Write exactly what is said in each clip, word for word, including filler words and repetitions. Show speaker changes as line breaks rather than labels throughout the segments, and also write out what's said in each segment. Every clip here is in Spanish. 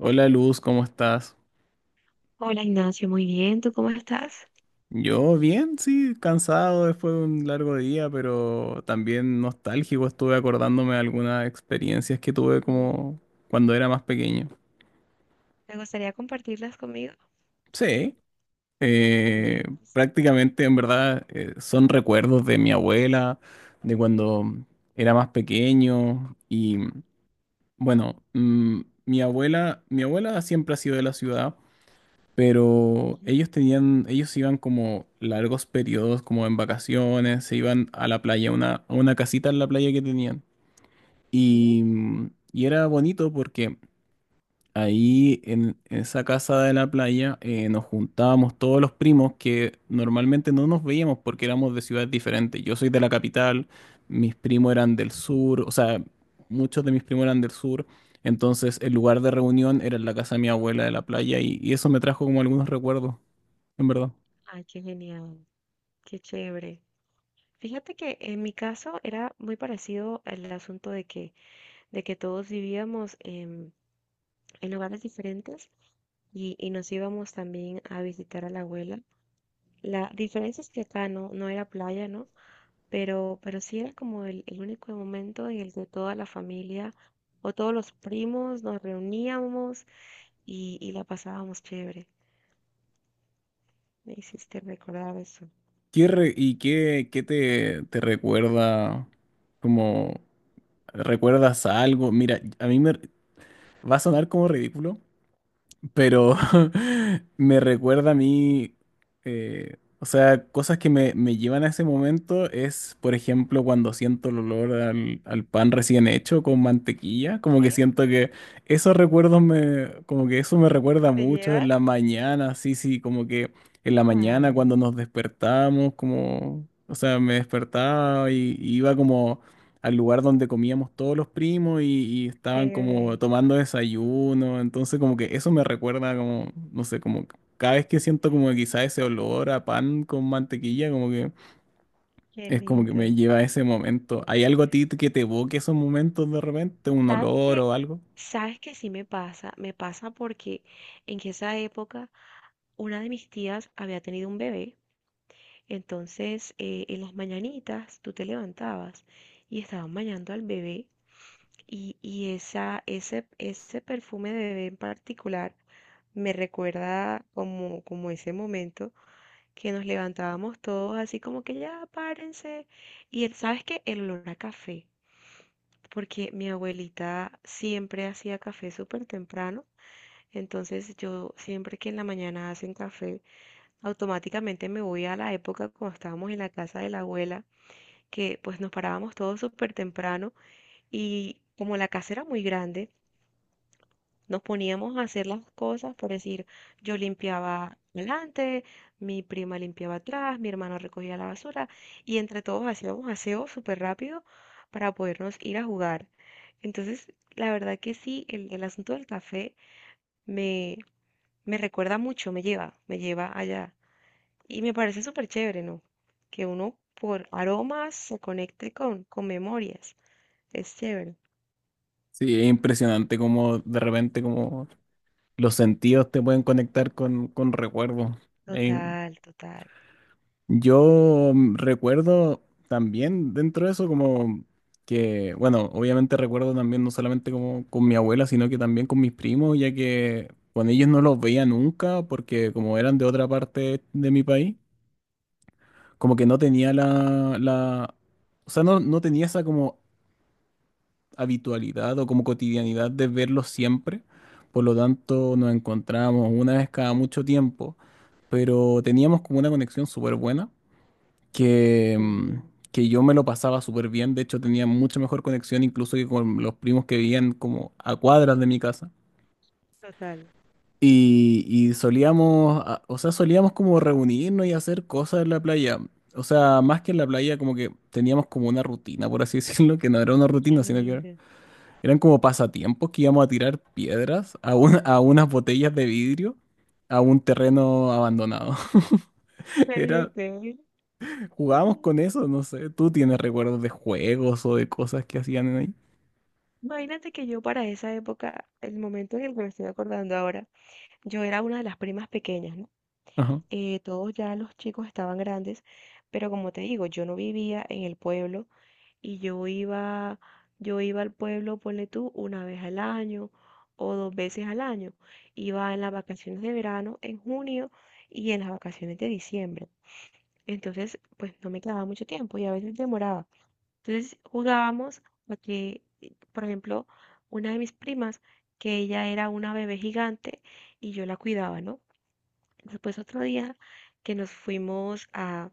Hola Luz, ¿cómo estás?
Hola Ignacio, muy bien, ¿tú cómo estás?
Yo bien, sí, cansado después de un largo día, pero también nostálgico. Estuve acordándome de algunas experiencias que tuve
Sí.
como cuando era más pequeño.
¿Te gustaría compartirlas conmigo?
Sí, eh,
Bueno, listo.
prácticamente en verdad eh, son recuerdos de mi abuela, de cuando era más pequeño y bueno, mm, mi abuela, mi abuela siempre ha sido de la ciudad.
Ok,
Pero ellos tenían, ellos iban como largos periodos, como en vacaciones, se iban a la playa, a una, a una casita en la playa que tenían.
sí,
Y, mm, y era bonito porque ahí en, en esa casa de la playa eh, nos juntábamos todos los primos que normalmente no nos veíamos porque éramos de ciudades diferentes. Yo soy de la capital, mis primos eran del sur, o sea, muchos de mis primos eran del sur. Entonces el lugar de reunión era en la casa de mi abuela de la playa y, y eso me trajo como algunos recuerdos en verdad.
ay, qué genial, qué chévere. Fíjate que en mi caso era muy parecido el asunto de que, de que todos vivíamos en, en lugares diferentes y, y nos íbamos también a visitar a la abuela. La diferencia es que acá no, no era playa, ¿no? Pero, pero sí era como el, el único momento en el que toda la familia o todos los primos nos reuníamos y, y la pasábamos chévere. Me hiciste recordar eso.
¿Qué re- ¿y qué, qué te, te recuerda? Como, ¿recuerdas algo? Mira, a mí me va a sonar como ridículo, pero me recuerda a mí, eh, o sea, cosas que me, me llevan a ese momento es, por ejemplo, cuando siento el olor al, al pan recién hecho con mantequilla, como que
¿Sí?
siento que esos recuerdos me, como que eso me recuerda
¿Te
mucho en
llevas?
la mañana, sí, sí, como que en la mañana
Wow,
cuando nos despertamos, como, o sea, me despertaba y, y iba como al lugar donde comíamos todos los primos y, y estaban como
chévere,
tomando desayuno. Entonces como que eso me recuerda como, no sé, como cada vez que siento como que quizá ese olor a pan con mantequilla, como que
qué
es como que me
lindo.
lleva a ese momento. ¿Hay algo a ti que te evoque esos momentos de repente? ¿Un
¿Sabes
olor
qué?
o algo?
¿Sabes qué sí me pasa? Me pasa porque en que esa época una de mis tías había tenido un bebé. Entonces, eh, en las mañanitas tú te levantabas y estaban bañando al bebé y, y esa, ese, ese perfume de bebé en particular me recuerda, como, como ese momento que nos levantábamos todos así como que ya párense. Y el, ¿sabes qué? El olor a café, porque mi abuelita siempre hacía café súper temprano. Entonces, yo siempre que en la mañana hacen café, automáticamente me voy a la época cuando estábamos en la casa de la abuela, que pues nos parábamos todos súper temprano y como la casa era muy grande, nos poníamos a hacer las cosas, por decir, yo limpiaba delante, mi prima limpiaba atrás, mi hermano recogía la basura y entre todos hacíamos aseo súper rápido para podernos ir a jugar. Entonces, la verdad que sí, el, el asunto del café me, me recuerda mucho, me lleva, me lleva allá. Y me parece súper chévere, ¿no? Que uno por aromas se conecte con, con memorias. Es chévere.
Sí, es impresionante como de repente como los sentidos te pueden conectar con, con recuerdos. Es.
Total, total.
Yo mm, recuerdo también dentro de eso como que, bueno, obviamente recuerdo también no solamente como con mi abuela, sino que también con mis primos, ya que con ellos no los veía nunca porque como eran de otra parte de mi país, como que no tenía la, la, o sea, no, no tenía esa como habitualidad o como cotidianidad de verlos siempre. Por lo tanto, nos encontramos una vez cada mucho tiempo, pero teníamos como una conexión súper buena que, mm,
Sí,
que yo me lo pasaba súper bien. De hecho, tenía mucha mejor conexión incluso que con los primos que vivían como a cuadras de mi casa.
total.
Y, y solíamos, a- o sea, solíamos como reunirnos y hacer cosas en la playa. O sea, más que en la playa, como que teníamos como una rutina, por así decirlo, que no era una
Qué
rutina, sino que era-
lindo.
eran como pasatiempos que íbamos a tirar piedras a, un- a unas botellas de vidrio a un terreno abandonado.
Okay,
Era.
okay.
Jugábamos
Mm,
con eso, no sé. ¿Tú tienes recuerdos de juegos o de cosas que hacían en ahí?
Imagínate que yo para esa época, el momento en el que me estoy acordando ahora, yo era una de las primas pequeñas, ¿no?
Ajá.
Eh, todos ya los chicos estaban grandes, pero como te digo, yo no vivía en el pueblo y yo iba, yo iba, al pueblo, ponle tú, una vez al año o dos veces al año. Iba en las vacaciones de verano, en junio y en las vacaciones de diciembre. Entonces, pues no me quedaba mucho tiempo y a veces demoraba. Entonces jugábamos a que, eh, por ejemplo, una de mis primas, que ella era una bebé gigante y yo la cuidaba, ¿no? Después otro día que nos fuimos a,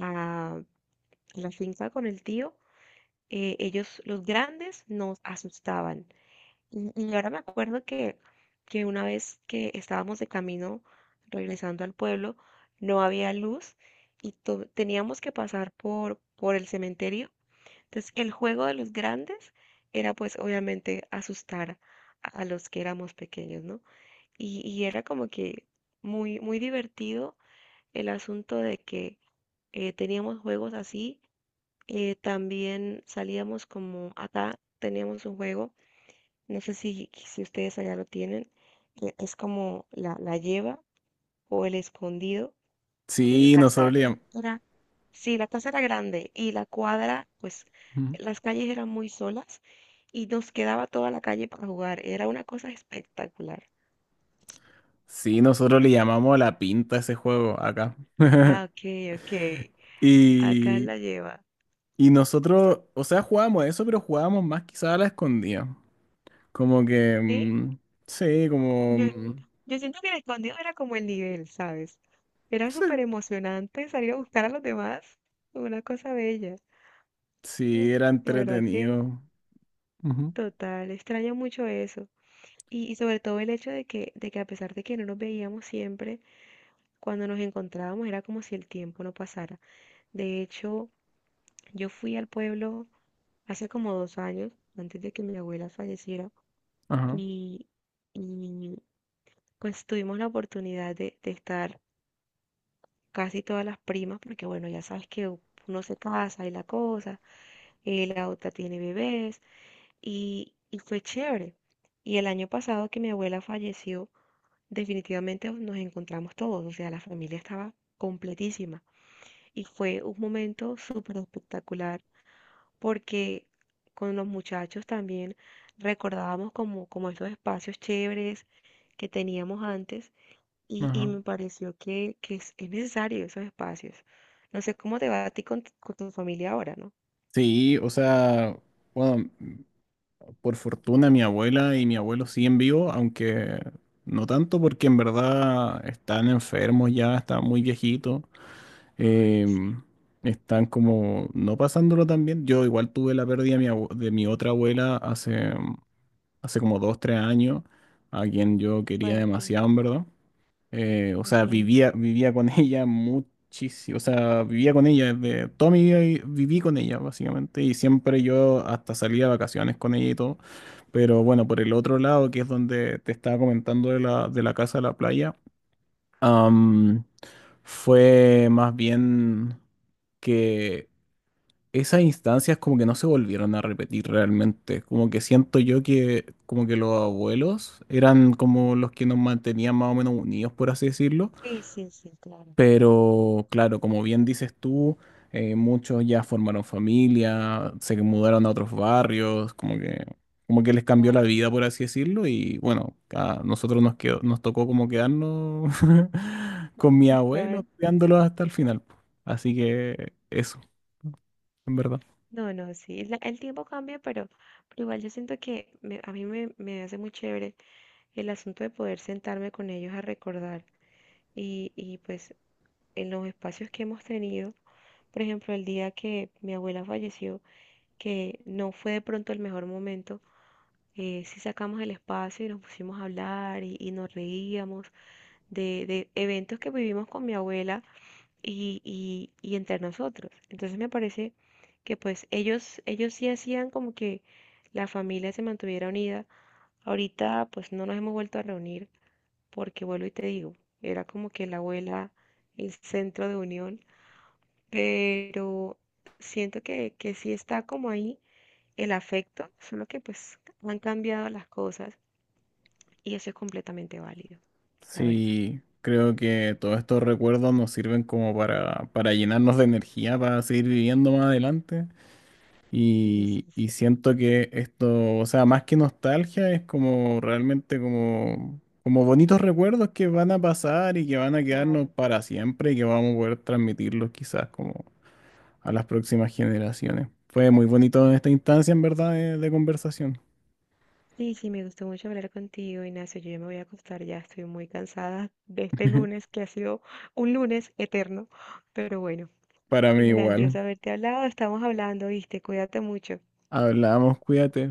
a la finca con el tío, eh, ellos, los grandes, nos asustaban. Y, y ahora me acuerdo que, que una vez que estábamos de camino regresando al pueblo, no había luz y to- teníamos que pasar por, por el cementerio. Entonces, el juego de los grandes era pues obviamente asustar a los que éramos pequeños, ¿no? Y, y era como que muy, muy divertido el asunto de que eh, teníamos juegos así. eh, también salíamos como acá teníamos un juego, no sé si, si ustedes allá lo tienen, que es como la, la lleva o el escondido, y la
Sí, nosotros
casa
le llam-
era, sí, la casa era grande y la cuadra, pues
Ujú.
las calles eran muy solas y nos quedaba toda la calle para jugar. Era una cosa espectacular.
Sí, nosotros le llamamos la pinta a ese juego acá.
Ah, ok, ok. Acá
Y,
la lleva.
y nosotros, o sea, jugábamos eso, pero jugábamos más quizás a la escondida. Como que,
Sí,
mm, sí, como,
yo,
mm,
yo siento que el escondido era como el nivel, ¿sabes? Era
sí,
súper emocionante salir a buscar a los demás. Una cosa bella.
sí,
Mm,
era
La verdad que
entretenido. Ujú.
total, extraño mucho eso. Y, y sobre todo el hecho de que, de que, a pesar de que no nos veíamos siempre, cuando nos encontrábamos era como si el tiempo no pasara. De hecho, yo fui al pueblo hace como dos años, antes de que mi abuela falleciera,
Ajá,
y, y pues tuvimos la oportunidad de, de estar casi todas las primas, porque bueno, ya sabes que uno se casa y la cosa, eh, la otra tiene bebés, y, y fue chévere. Y el año pasado que mi abuela falleció, definitivamente nos encontramos todos, o sea, la familia estaba completísima. Y fue un momento súper espectacular porque con los muchachos también recordábamos, como, como estos espacios chéveres que teníamos antes y, y
ajá.
me pareció que, que es, es, necesario esos espacios. No sé cómo te va a ti con, tu- con tu familia ahora, ¿no?
Sí, o sea, bueno. Por fortuna, mi abuela y mi abuelo siguen vivos, aunque no tanto porque en verdad están enfermos ya, están muy viejitos,
Ay, lo
em,
siento.
están como no pasándolo tan bien. Yo igual tuve la pérdida de mi, abue- de mi otra abuela hace, hace como dos, tres años, a quien yo quería
Fuerte,
demasiado, en verdad. Eh, o
lo
sea,
siento.
vivía, vivía con ella muchísimo. O sea, vivía con ella desde toda mi vida vi- viví con ella, básicamente. Y siempre yo hasta salía de vacaciones con ella y todo. Pero bueno, por el otro lado, que es donde te estaba comentando de la, de la casa a la playa, am, fue más bien que esas instancias como que no se volvieron a repetir realmente. Como que siento yo que como que los abuelos eran como los que nos mantenían más o menos unidos, por así decirlo.
Sí, sí, sí, claro.
Pero claro, como bien dices tú, eh, muchos ya formaron familia, se mudaron a otros barrios, como que, como que les cambió la
Claro.
vida, por así decirlo, y bueno, a nosotros nos quedó, nos tocó como quedarnos con mi abuelo,
Total.
cuidándolos hasta el final. Po. Así que eso, en verdad.
No, no, sí, la- el tiempo cambia, pero, pero igual yo siento que me- a mí me, me hace muy chévere el asunto de poder sentarme con ellos a recordar y, y pues en los espacios que hemos tenido, por ejemplo, el día que mi abuela falleció, que no fue de pronto el mejor momento, eh, sí sacamos el espacio y nos pusimos a hablar y, y nos reíamos de, de eventos que vivimos con mi abuela y, y, y entre nosotros. Entonces me parece que pues ellos, ellos sí hacían como que la familia se mantuviera unida. Ahorita pues no nos hemos vuelto a reunir porque vuelvo y te digo, era como que la abuela, el centro de unión, pero siento que, que sí está como ahí el afecto, solo que pues han cambiado las cosas y eso es completamente válido, la verdad.
Sí, creo que todos estos recuerdos nos sirven como para, para llenarnos de energía, para seguir viviendo más adelante.
Sí,
Y,
sí,
y
sí,
siento que esto, o sea, más que nostalgia, es como realmente como, como bonitos recuerdos que van a pasar y que van
claro,
a quedarnos
claro.
para siempre y que vamos a poder transmitirlos quizás como a las próximas generaciones. Fue muy bonito esta instancia, en verdad, de, de conversación.
Sí, sí, me gustó mucho hablar contigo, Ignacio. Yo ya me voy a acostar, ya estoy muy cansada de este lunes que ha sido un lunes eterno, pero bueno,
Para mí igual.
grandioso haberte hablado, estamos hablando, viste, cuídate mucho.
Hablamos, cuídate.